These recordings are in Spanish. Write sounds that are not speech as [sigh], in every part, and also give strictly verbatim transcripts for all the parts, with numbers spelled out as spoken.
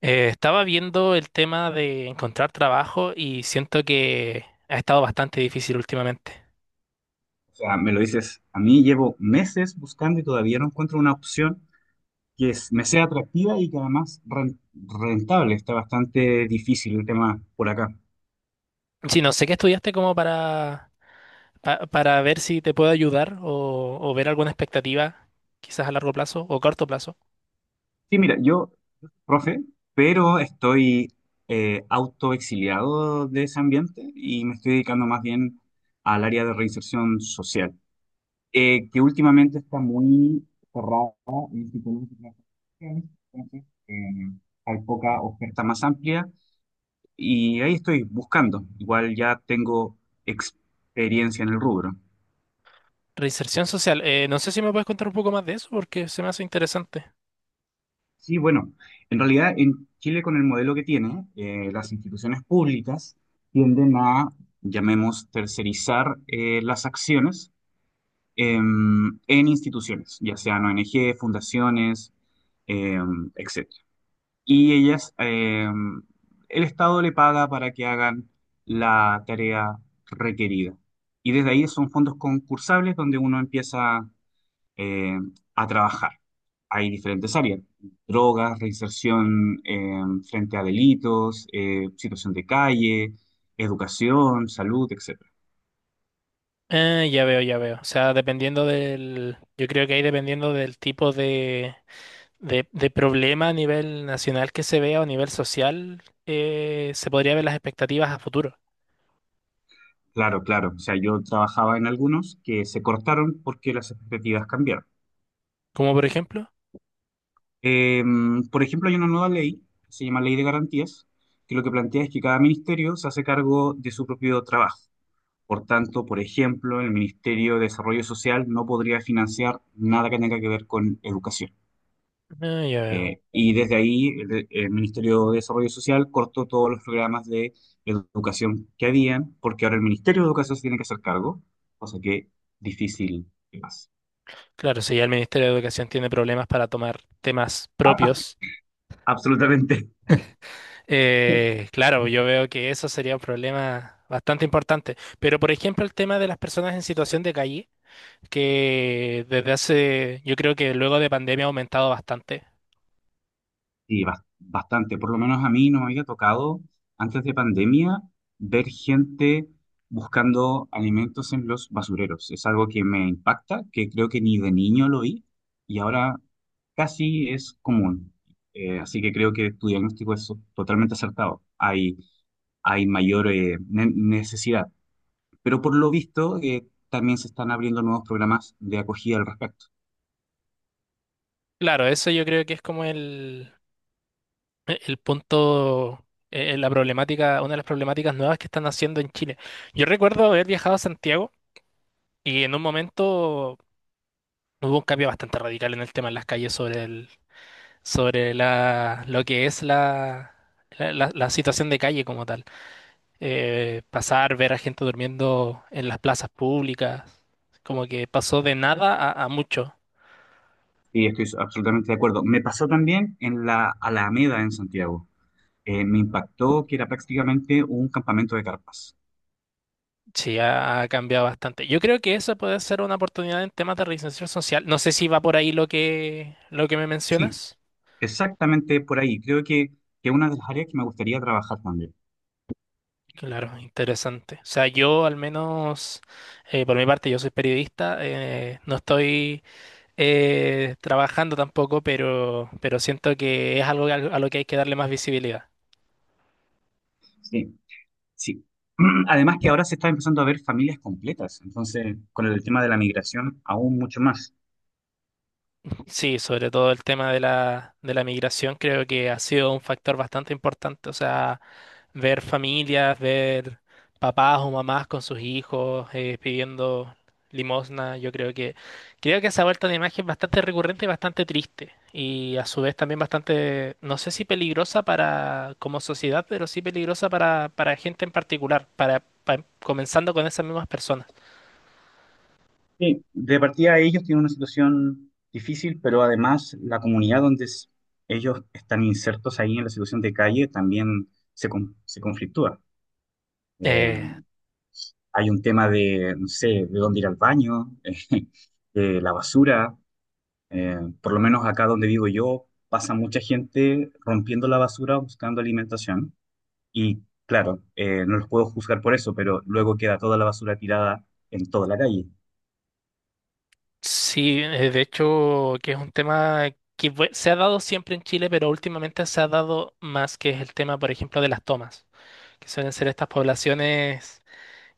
Eh, estaba viendo el tema de encontrar trabajo y siento que ha estado bastante difícil últimamente. O sea, me lo dices, a mí llevo meses buscando y todavía no encuentro una opción que es- me sea atractiva y que además ren- rentable. Está bastante difícil el tema por acá. Sí, no sé qué estudiaste como para, pa- para ver si te puedo ayudar o, o ver alguna expectativa, quizás a largo plazo o corto plazo. Sí, mira, yo, profe, pero estoy eh, autoexiliado de ese ambiente y me estoy dedicando más bien al área de reinserción social, eh, que últimamente está muy cerrada en psicólogos y psicológica. Entonces, eh, hay poca oferta más amplia. Y ahí estoy buscando. Igual ya tengo experiencia en el rubro. Reinserción social, eh, no sé si me puedes contar un poco más de eso porque se me hace interesante. Sí, bueno, en realidad en Chile con el modelo que tiene, eh, las instituciones públicas tienden a, llamemos, tercerizar eh, las acciones em, en instituciones, ya sean O N G, fundaciones, etcétera Y ellas, eh, el Estado le paga para que hagan la tarea requerida. Y desde ahí son fondos concursables donde uno empieza eh, a trabajar. Hay diferentes áreas: drogas, reinserción eh, frente a delitos, eh, situación de calle, educación, salud, etcétera. Eh, ya veo, ya veo. O sea, dependiendo del, yo creo que ahí dependiendo del tipo de de, de problema a nivel nacional que se vea o a nivel social, eh, se podría ver las expectativas a futuro. Claro, claro. O sea, yo trabajaba en algunos que se cortaron porque las expectativas cambiaron. Como por ejemplo, Em, por ejemplo, hay una nueva ley, se llama Ley de Garantías, que lo que plantea es que cada ministerio se hace cargo de su propio trabajo. Por tanto, por ejemplo, el Ministerio de Desarrollo Social no podría financiar nada que tenga que ver con educación. ah, ya veo. Eh, y desde ahí, el, el Ministerio de Desarrollo Social cortó todos los programas de educación que habían, porque ahora el Ministerio de Educación se tiene que hacer cargo, cosa que difícil es. Claro, si ya el Ministerio de Educación tiene problemas para tomar temas propios, Absolutamente. eh, claro, yo veo que eso sería un problema bastante importante. Pero por ejemplo, el tema de las personas en situación de calle, que desde hace, yo creo que luego de pandemia ha aumentado bastante. Sí, bas- bastante. Por lo menos a mí no me había tocado antes de pandemia ver gente buscando alimentos en los basureros. Es algo que me impacta, que creo que ni de niño lo vi, y ahora casi es común. Eh, así que creo que tu diagnóstico es totalmente acertado. Hay, hay mayor eh, ne- necesidad. Pero por lo visto, eh, también se están abriendo nuevos programas de acogida al respecto. Claro, eso yo creo que es como el, e- el punto, eh, la problemática, una de las problemáticas nuevas que están haciendo en Chile. Yo recuerdo haber viajado a Santiago y en un momento hubo un cambio bastante radical en el tema en las calles sobre el, sobre la, lo que es la, la, la- la situación de calle como tal. Eh, pasar, ver a gente durmiendo en las plazas públicas, como que pasó de nada a, a mucho. Y estoy absolutamente de acuerdo. Me pasó también en la Alameda en Santiago. Eh, me impactó que era prácticamente un campamento de carpas. Sí, ha, ha cambiado bastante. Yo creo que eso puede ser una oportunidad en temas de reinserción social. No sé si va por ahí lo que, lo que me Sí, mencionas. exactamente por ahí. Creo que es una de las áreas que me gustaría trabajar también. Claro, interesante. O sea, yo al menos, eh, por mi parte, yo soy periodista, eh, no estoy eh, trabajando tampoco, pero, pero siento que es algo a a lo que hay que darle más visibilidad. Sí, sí. [clears throat] Además, que ahora se está empezando a ver familias completas, entonces con el tema de la migración aún mucho más. Sí, sobre todo el tema de la, de la migración creo que ha sido un factor bastante importante. O sea, ver familias, ver papás o mamás con sus hijos eh, pidiendo limosna, yo creo que creo que esa vuelta de imagen es bastante recurrente y bastante triste y a su vez también bastante, no sé si peligrosa para como sociedad, pero sí peligrosa para, para gente en particular, para, pa- comenzando con esas mismas personas. Sí, de partida ellos tienen una situación difícil, pero además la comunidad donde s- ellos están insertos ahí en la situación de calle también se, con- se conflictúa. Eh, Eh, hay un tema de, no sé, de dónde ir al baño, [laughs] eh, de la basura. Eh, por lo menos acá donde vivo yo, pasa mucha gente rompiendo la basura buscando alimentación. Y claro, eh, no los puedo juzgar por eso, pero luego queda toda la basura tirada en toda la calle. sí, eh, de hecho que es un tema que fue- se ha dado siempre en Chile, pero últimamente se ha dado más, que es el tema, por ejemplo, de las tomas, que suelen ser estas poblaciones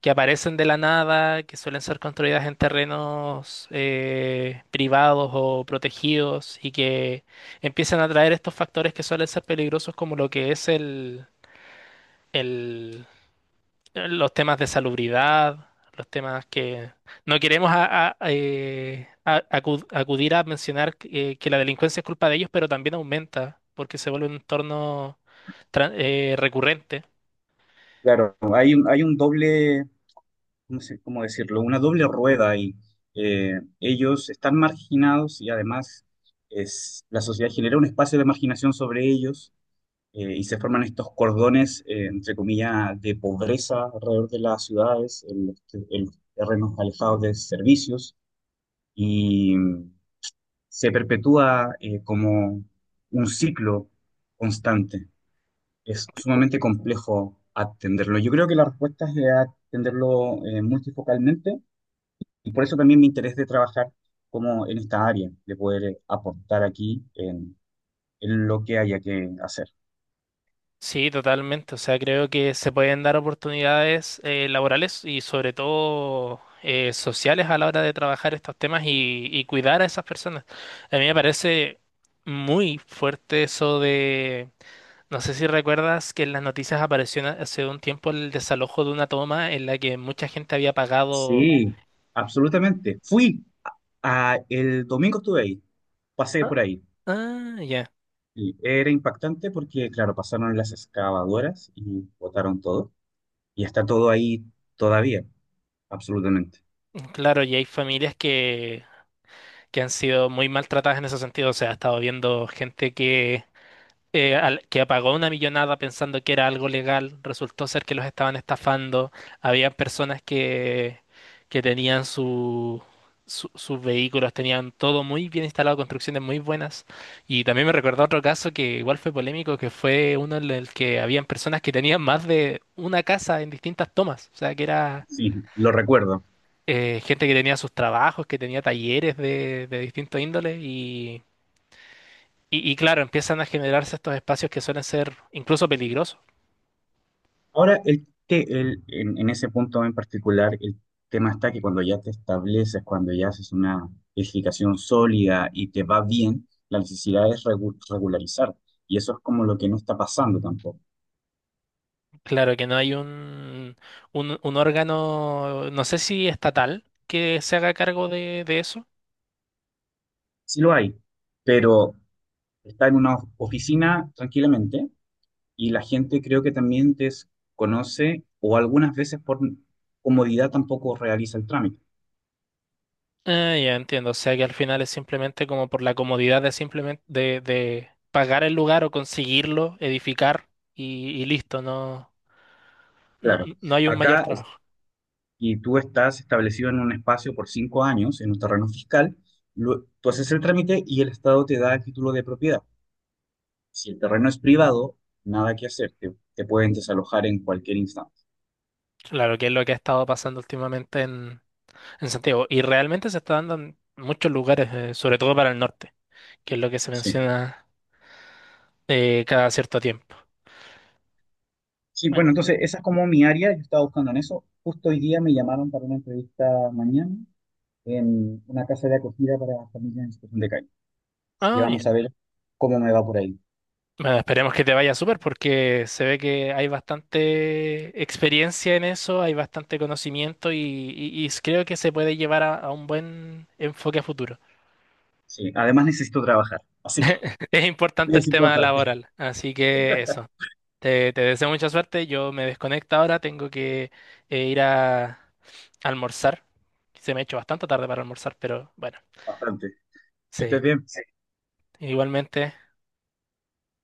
que aparecen de la nada, que suelen ser construidas en terrenos eh, privados o protegidos y que empiezan a traer estos factores que suelen ser peligrosos como lo que es el, el- los temas de salubridad, los temas que no queremos a- a- eh, a- acu- acudir a mencionar que eh, que la delincuencia es culpa de ellos, pero también aumenta porque se vuelve un entorno tra- eh, recurrente. Claro, hay un, hay un doble, no sé cómo decirlo, una doble rueda, y ellos están marginados, y además es, la sociedad genera un espacio de marginación sobre ellos, eh, y se forman estos cordones, eh, entre comillas, de pobreza alrededor de las ciudades, en los, te- en los terrenos alejados de servicios, y mm, se perpetúa eh, como un ciclo constante. Es sumamente complejo atenderlo. Yo creo que la respuesta es eh, atenderlo eh, multifocalmente, y por eso también mi interés de trabajar como en esta área, de poder eh, aportar aquí en en lo que haya que hacer. Sí, totalmente. O sea, creo que se pueden dar oportunidades eh, laborales y sobre todo eh, sociales a la hora de trabajar estos temas y, y cuidar a esas personas. A mí me parece muy fuerte eso de, no sé si recuerdas que en las noticias apareció una- hace un tiempo el desalojo de una toma en la que mucha gente había pagado. Sí, absolutamente. Fui a, a- el domingo estuve ahí, pasé Ah, por ahí. ah, ya. Y era impactante porque, claro, pasaron las excavadoras y botaron todo. Y está todo ahí todavía, absolutamente. Claro, y hay familias que, que han sido muy maltratadas en ese sentido. O sea, he estado viendo gente que, eh, al- que pagó una millonada pensando que era algo legal, resultó ser que los estaban estafando. Había personas que, que tenían su, su- sus vehículos, tenían todo muy bien instalado, construcciones muy buenas. Y también me recordó otro caso que igual fue polémico, que fue uno en el que habían personas que tenían más de una casa en distintas tomas. O sea, que era Sí, lo recuerdo. eh, gente que tenía sus trabajos, que tenía talleres de, de distintos índoles y, Y, y claro, empiezan a generarse estos espacios que suelen ser incluso peligrosos. Ahora, el, te- el- en, en ese punto en particular, el tema está que cuando ya te estableces, cuando ya haces una edificación sólida y te va bien, la necesidad es regu- regularizar. Y eso es como lo que no está pasando tampoco. Claro que no hay un, un, un órgano, no sé si estatal, que se haga cargo de, de eso. Sí lo hay, pero está en una oficina tranquilamente, y la gente creo que también desconoce o algunas veces por comodidad tampoco realiza el trámite. Ah, ya entiendo. O sea que al final es simplemente como por la comodidad de simplemente de, de pagar el lugar o conseguirlo, edificar y, y listo. No, no, Claro, no hay un mayor acá es- trabajo. y tú estás establecido en un espacio por cinco años en un terreno fiscal, lo- tú haces el trámite y el Estado te da el título de propiedad. Si el terreno es privado, nada que hacer, te, te pueden desalojar en cualquier instante. Claro que es lo que ha estado pasando últimamente en, en Santiago. Y realmente se está dando en muchos lugares, eh, sobre todo para el norte, que es lo que se Sí. menciona eh, cada cierto tiempo. Sí, Bueno, bueno, entonces esa es como mi área, yo estaba buscando en eso. Justo hoy día me llamaron para una entrevista mañana en una casa de acogida para familias en situación de calle. Así que ah, ya. vamos a ver cómo me va por ahí. Bueno, esperemos que te vaya súper porque se ve que hay bastante experiencia en eso, hay bastante conocimiento y, y- y creo que se puede llevar a, a un buen enfoque a futuro. Sí, además necesito trabajar, así que [laughs] Es [laughs] importante es el tema importante, laboral, así que eso. Te, te deseo mucha suerte. Yo me desconecto ahora, tengo que eh, ir a almorzar. Se me ha hecho bastante tarde para almorzar, pero bueno, bastante. Que sí. estés bien. Igualmente.